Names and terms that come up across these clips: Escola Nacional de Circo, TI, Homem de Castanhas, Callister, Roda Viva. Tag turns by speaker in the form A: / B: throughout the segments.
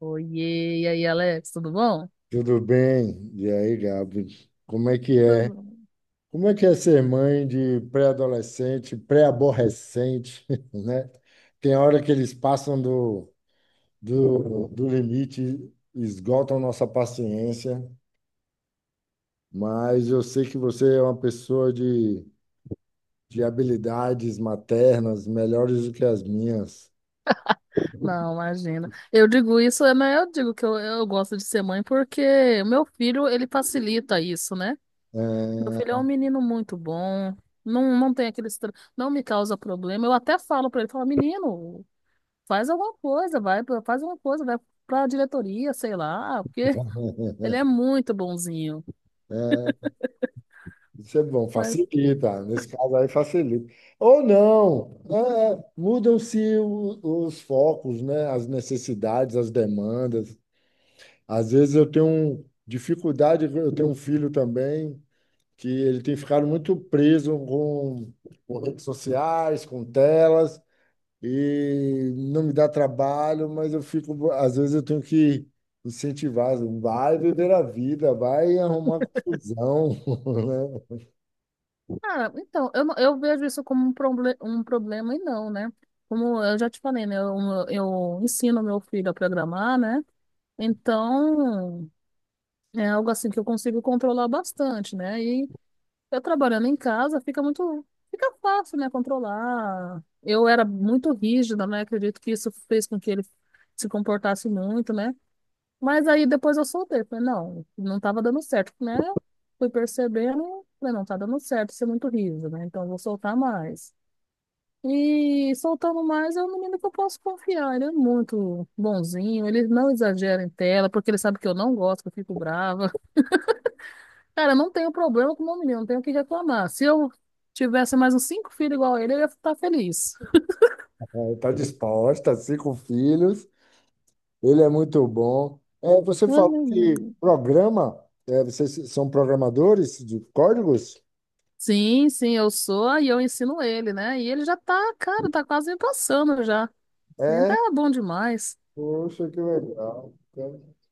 A: Oiê, e aí, Alex, tudo bom?
B: Tudo bem? E aí, Gabi? Como é que é?
A: Tudo bom.
B: Como é que é ser mãe de pré-adolescente, pré-aborrecente, né? Tem hora que eles passam do limite, esgotam nossa paciência, mas eu sei que você é uma pessoa de habilidades maternas melhores do que as minhas.
A: Não, imagina. Eu digo isso, é, mas eu digo que eu gosto de ser mãe porque o meu filho, ele facilita isso, né? Meu filho é
B: É,
A: um menino muito bom, não tem aquele. Não me causa problema. Eu até falo pra ele, falo, menino, faz alguma coisa, vai, faz alguma coisa, vai pra diretoria, sei lá, porque ele é muito bonzinho.
B: é, Isso é bom,
A: Mas,
B: facilita. Nesse caso aí, facilita. Ou não, é, mudam-se os focos, né? As necessidades, as demandas. Às vezes eu tenho dificuldade, eu tenho um filho também, que ele tem ficado muito preso com redes sociais, com telas, e não me dá trabalho, mas eu fico, às vezes eu tenho que incentivar, vai viver a vida, vai arrumar confusão, né?
A: ah, então, eu, não- eu vejo isso como um, proble um problema e não, né? Como eu já te falei, né? Eu ensino meu filho a programar, né? Então, é algo assim que eu consigo controlar bastante, né? E eu trabalhando em casa fica fácil, né? Controlar. Eu era muito rígida, né? Acredito que isso fez com que ele se comportasse muito, né? Mas aí depois eu soltei. Falei, não, não tava dando certo, né? Fui percebendo, falei, não tá dando certo, isso é muito riso, né? Então eu vou soltar mais. E soltando mais é um menino que eu posso confiar. Ele é muito bonzinho, ele não exagera em tela, porque ele sabe que eu não gosto, que eu fico brava. Cara, eu não tenho problema com o meu menino, não tenho o que reclamar. Se eu tivesse mais uns cinco filhos igual a ele, eu ia estar feliz.
B: Está disposta, cinco filhos, ele é muito bom. É, você
A: Olha.
B: falou que programa, é, vocês são programadores de códigos?
A: Sim, sim, eu sou e eu ensino ele, né? E ele já tá, cara, tá quase me passando já. Ainda
B: É,
A: tá bom demais.
B: poxa, que legal.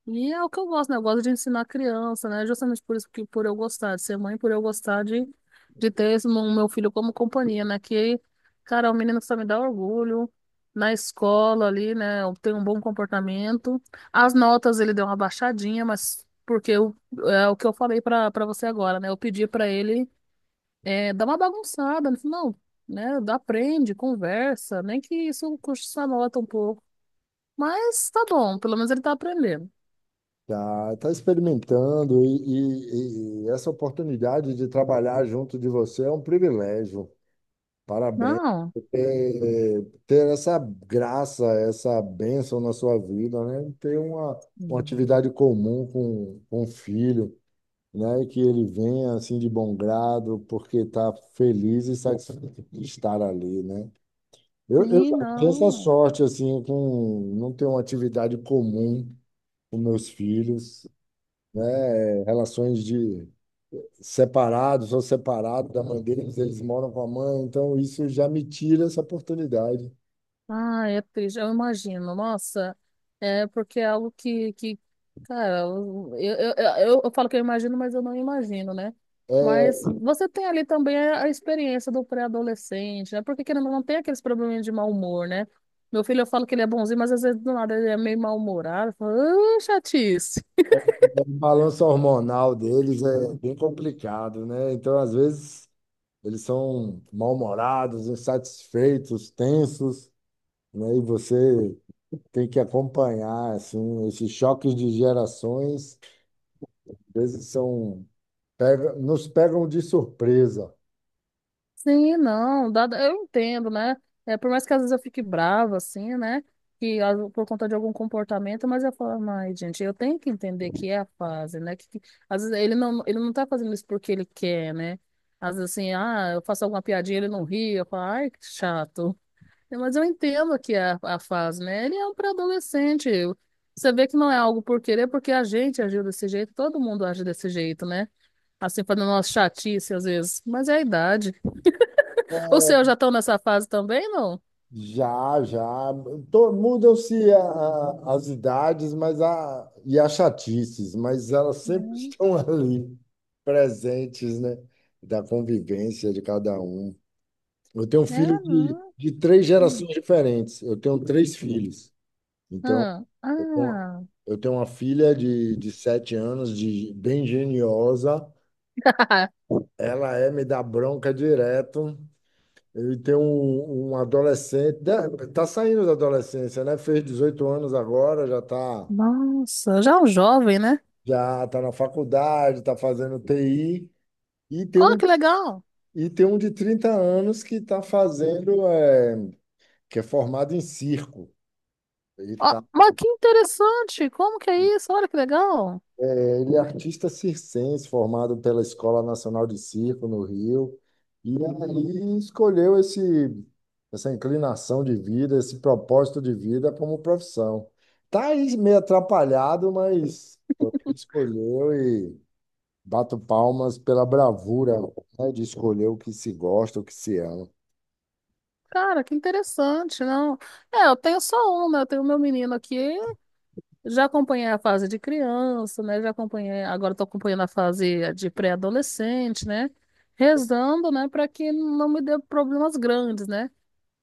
A: E é o que eu gosto, né? Eu gosto de ensinar criança, né? Justamente por isso que por eu gostar de ser mãe, por eu gostar de ter esse, o meu filho como companhia, né? Que, cara, é um menino que só me dá orgulho. Na escola ali, né? Tem um bom comportamento. As notas ele deu uma baixadinha, mas porque é o que eu falei pra você agora, né? Eu pedi pra ele dar uma bagunçada. Ele falou, não, né? Aprende, conversa, nem que isso custe sua nota um pouco. Mas tá bom, pelo menos ele tá aprendendo.
B: Tá, tá experimentando e essa oportunidade de trabalhar junto de você é um privilégio. Parabéns.
A: Não.
B: Ter essa graça, essa bênção na sua vida, né? Ter uma
A: Hum.
B: atividade comum com o filho. Né? Que ele venha assim de bom grado, porque está feliz e satisfeito de estar ali, né? Eu
A: Sim,
B: já tenho essa
A: não.
B: sorte assim com não ter uma atividade comum com meus filhos, né? Relações de separados, sou separado da mãe deles, eles moram com a mãe, então isso já me tira essa oportunidade.
A: Ah, é triste, eu imagino. Nossa, é porque é algo que cara, eu falo que eu imagino, mas eu não imagino, né? Mas você tem ali também a experiência do pré-adolescente, né? Porque querendo ou não, tem aqueles probleminhas de mau humor, né? Meu filho, eu falo que ele é bonzinho, mas às vezes do nada ele é meio mal-humorado. Eu falo, "Ah, chatice."
B: O balanço hormonal deles é bem complicado, né? Então, às vezes, eles são mal-humorados, insatisfeitos, tensos, né? E você tem que acompanhar assim, esses choques de gerações, às vezes são nos pegam de surpresa.
A: Sim, não, dada, eu entendo, né? É, por mais que às vezes eu fique brava, assim, né? Que por conta de algum comportamento, mas eu falo, ai, gente, eu tenho que entender que é a fase, né? Às vezes ele não tá fazendo isso porque ele quer, né? Às vezes assim, ah, eu faço alguma piadinha, ele não ri, eu falo, ai, que chato. Mas eu entendo que é a fase, né? Ele é um pré-adolescente. Você vê que não é algo por querer, porque a gente agiu desse jeito, todo mundo age desse jeito, né? Assim, fazendo umas chatice às vezes, mas é a idade. Os seus
B: É,
A: já estão nessa fase também, não?
B: já. Mudam-se as idades, mas a, e as chatices, mas elas sempre
A: Hum.
B: estão ali, presentes, né? Da convivência de cada um. Eu tenho um filho
A: Ah, não.
B: de três
A: Hum.
B: gerações diferentes. Eu tenho três filhos. Então,
A: Ah,
B: eu tenho uma
A: ah.
B: eu tenho uma filha de 7 anos, de, bem geniosa. Ela é me dá bronca direto. Eu tenho um adolescente, está saindo da adolescência, né? Fez 18 anos agora, já está
A: nossa, já é um jovem, né?
B: já tá na faculdade, está fazendo TI. E tem
A: Olha
B: um,
A: que legal.
B: e tem um de 30 anos que está fazendo, é, que é formado em circo. Ele
A: Ó,
B: está
A: mas que interessante. Como que é isso? Olha que legal.
B: Ele é artista circense, formado pela Escola Nacional de Circo no Rio, e aí escolheu essa inclinação de vida, esse propósito de vida como profissão. Tá aí meio atrapalhado, mas foi o que ele escolheu e bato palmas pela bravura, né, de escolher o que se gosta, o que se ama.
A: Cara, que interessante, não? É, eu tenho só um, né? Eu tenho meu menino aqui. Já acompanhei a fase de criança, né? Já acompanhei. Agora estou acompanhando a fase de pré-adolescente, né? Rezando, né? Para que não me dê problemas grandes, né?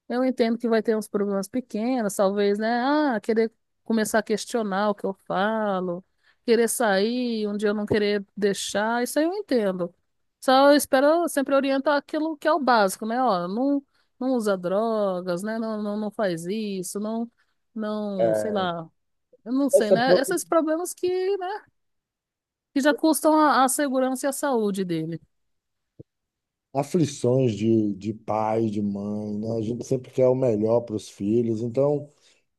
A: Eu entendo que vai ter uns problemas pequenos, talvez, né? Ah, querer começar a questionar o que eu falo, querer sair, um dia eu não querer deixar, isso aí eu entendo. Só eu espero eu sempre orientar aquilo que é o básico, né? Ó, não, não usa drogas, né? Não, não, não faz isso, não, não, sei lá, eu não sei,
B: Essa
A: né?
B: própria-
A: Esses problemas que, né, que já custam a segurança e a saúde dele.
B: aflições de pai, de mãe, né? A gente sempre quer o melhor para os filhos, então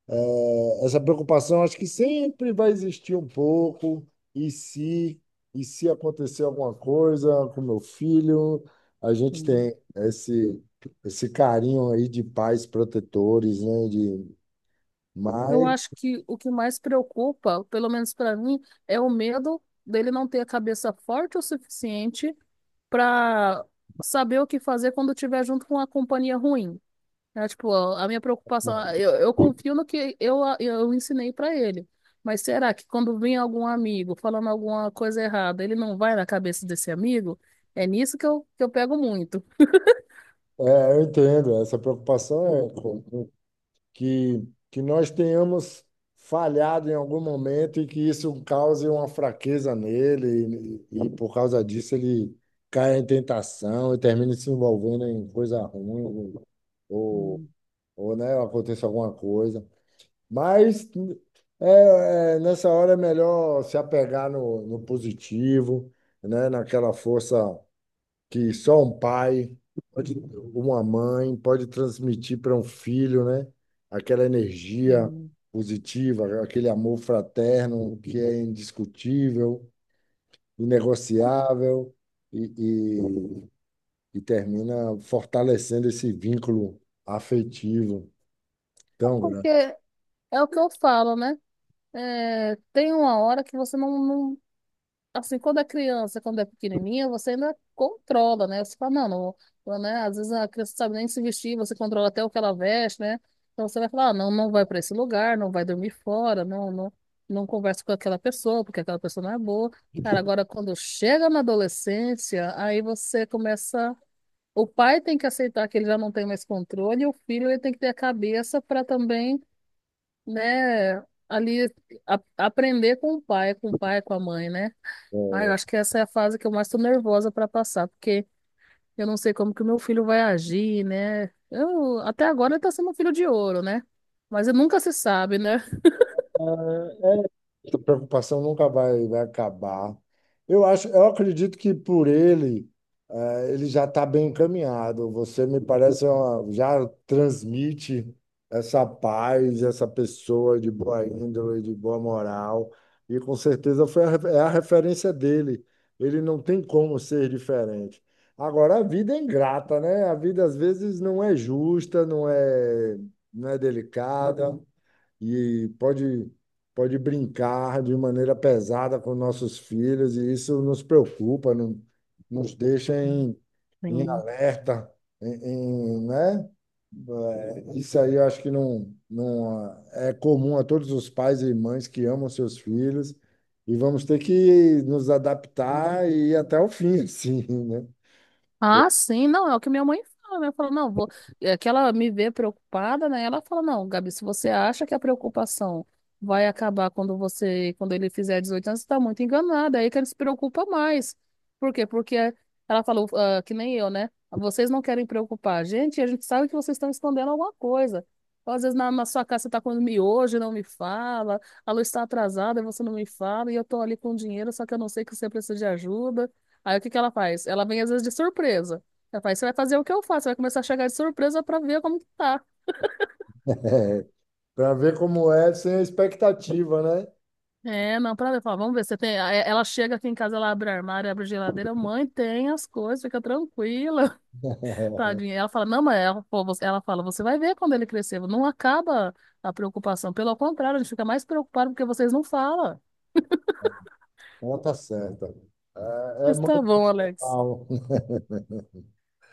B: é, essa preocupação acho que sempre vai existir um pouco. E se, e se acontecer alguma coisa com meu filho, a gente tem esse carinho aí de pais protetores, né? De,
A: Eu
B: mas
A: acho que o que mais preocupa, pelo menos para mim, é o medo dele não ter a cabeça forte o suficiente para saber o que fazer quando estiver junto com uma companhia ruim. É, tipo, a minha preocupação, eu confio no que eu ensinei para ele. Mas será que quando vem algum amigo falando alguma coisa errada, ele não vai na cabeça desse amigo? É nisso que eu pego muito.
B: é, eu entendo, essa preocupação é que, que nós tenhamos falhado em algum momento e que isso cause uma fraqueza nele, e por causa disso ele caia em tentação e termine se envolvendo em coisa ruim, ou,
A: Hum,
B: ou né, aconteça alguma coisa. Mas nessa hora é melhor se apegar no positivo, né, naquela força que só pode- uma mãe pode transmitir para um filho, né? Aquela energia
A: hum.
B: positiva, aquele amor fraterno que é indiscutível, inegociável e, e, e termina fortalecendo esse vínculo afetivo tão
A: Porque
B: grande.
A: é o que eu falo, né? É, tem uma hora que você não assim, quando é criança, quando é pequenininha, você ainda controla, né? Você fala, não, não, né? Às vezes a criança não sabe nem se vestir, você controla até o que ela veste, né? Então você vai falar, ah, não, não vai para esse lugar, não vai dormir fora, não, não, não conversa com aquela pessoa, porque aquela pessoa não é boa. Cara, agora quando chega na adolescência, aí você começa. O pai tem que aceitar que ele já não tem mais controle, e o filho ele tem que ter a cabeça para também, né, ali aprender com o pai, com a mãe, né? Ah, eu acho que essa é a fase que eu mais tô nervosa para passar, porque eu não sei como que o meu filho vai agir, né? Até agora ele tá sendo um filho de ouro, né? Mas nunca se sabe, né?
B: Essa preocupação nunca vai, vai acabar. Eu acredito que por ele, ele já está bem encaminhado. Você me parece já transmite essa paz, essa pessoa de boa índole, de boa moral, e com certeza foi é a referência dele. Ele não tem como ser diferente. Agora, a vida é ingrata, né? A vida às vezes não é justa, não é delicada e pode brincar de maneira pesada com nossos filhos, e isso nos preocupa, nos deixa em, em
A: Sim.
B: alerta, em, em, né? É, isso aí eu acho que não, não é comum a todos os pais e mães que amam seus filhos, e vamos ter que nos adaptar e ir até o fim, assim, né?
A: Ah, sim, não, é o que minha mãe fala, né? Fala, não, vou. É que ela me vê preocupada, né? Ela fala, não, Gabi, se você acha que a preocupação vai acabar quando ele fizer 18 anos, você tá muito enganada. É aí que ele se preocupa mais. Por quê? Porque ela falou, ah, que nem eu, né? Vocês não querem preocupar. E a gente sabe que vocês estão escondendo alguma coisa. Então, às vezes na sua casa você tá comendo miojo e não me fala, a luz está atrasada e você não me fala, e eu tô ali com dinheiro, só que eu não sei que você precisa de ajuda. Aí o que que ela faz? Ela vem às vezes de surpresa. Ela faz, você vai fazer o que eu faço, você vai começar a chegar de surpresa pra ver como que tá.
B: Para ver como é sem a expectativa, né?
A: É, não, pra ver, fala, vamos ver, você tem. Aí ela chega aqui em casa, ela abre o armário, abre a geladeira, mãe, tem as coisas, fica tranquila, tadinha. Ela fala, não, mas ela, pô, ela fala, você vai ver quando ele crescer, não acaba a preocupação. Pelo contrário, a gente fica mais preocupado porque vocês não falam.
B: Conta certa. É, é
A: Mas tá
B: muito
A: bom, Alex.
B: legal.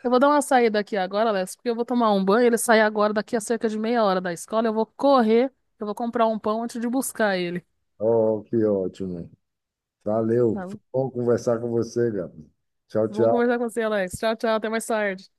A: Eu vou dar uma saída aqui agora, Alex, porque eu vou tomar um banho. Ele sai agora, daqui a cerca de meia hora da escola. Eu vou correr, eu vou comprar um pão antes de buscar ele.
B: Oh, que ótimo. Valeu.
A: Tá
B: Foi
A: bom.
B: bom conversar com você, Gabi. Tchau,
A: Vamos
B: tchau.
A: conversar com você, Alex. Tchau, tchau. Até mais tarde.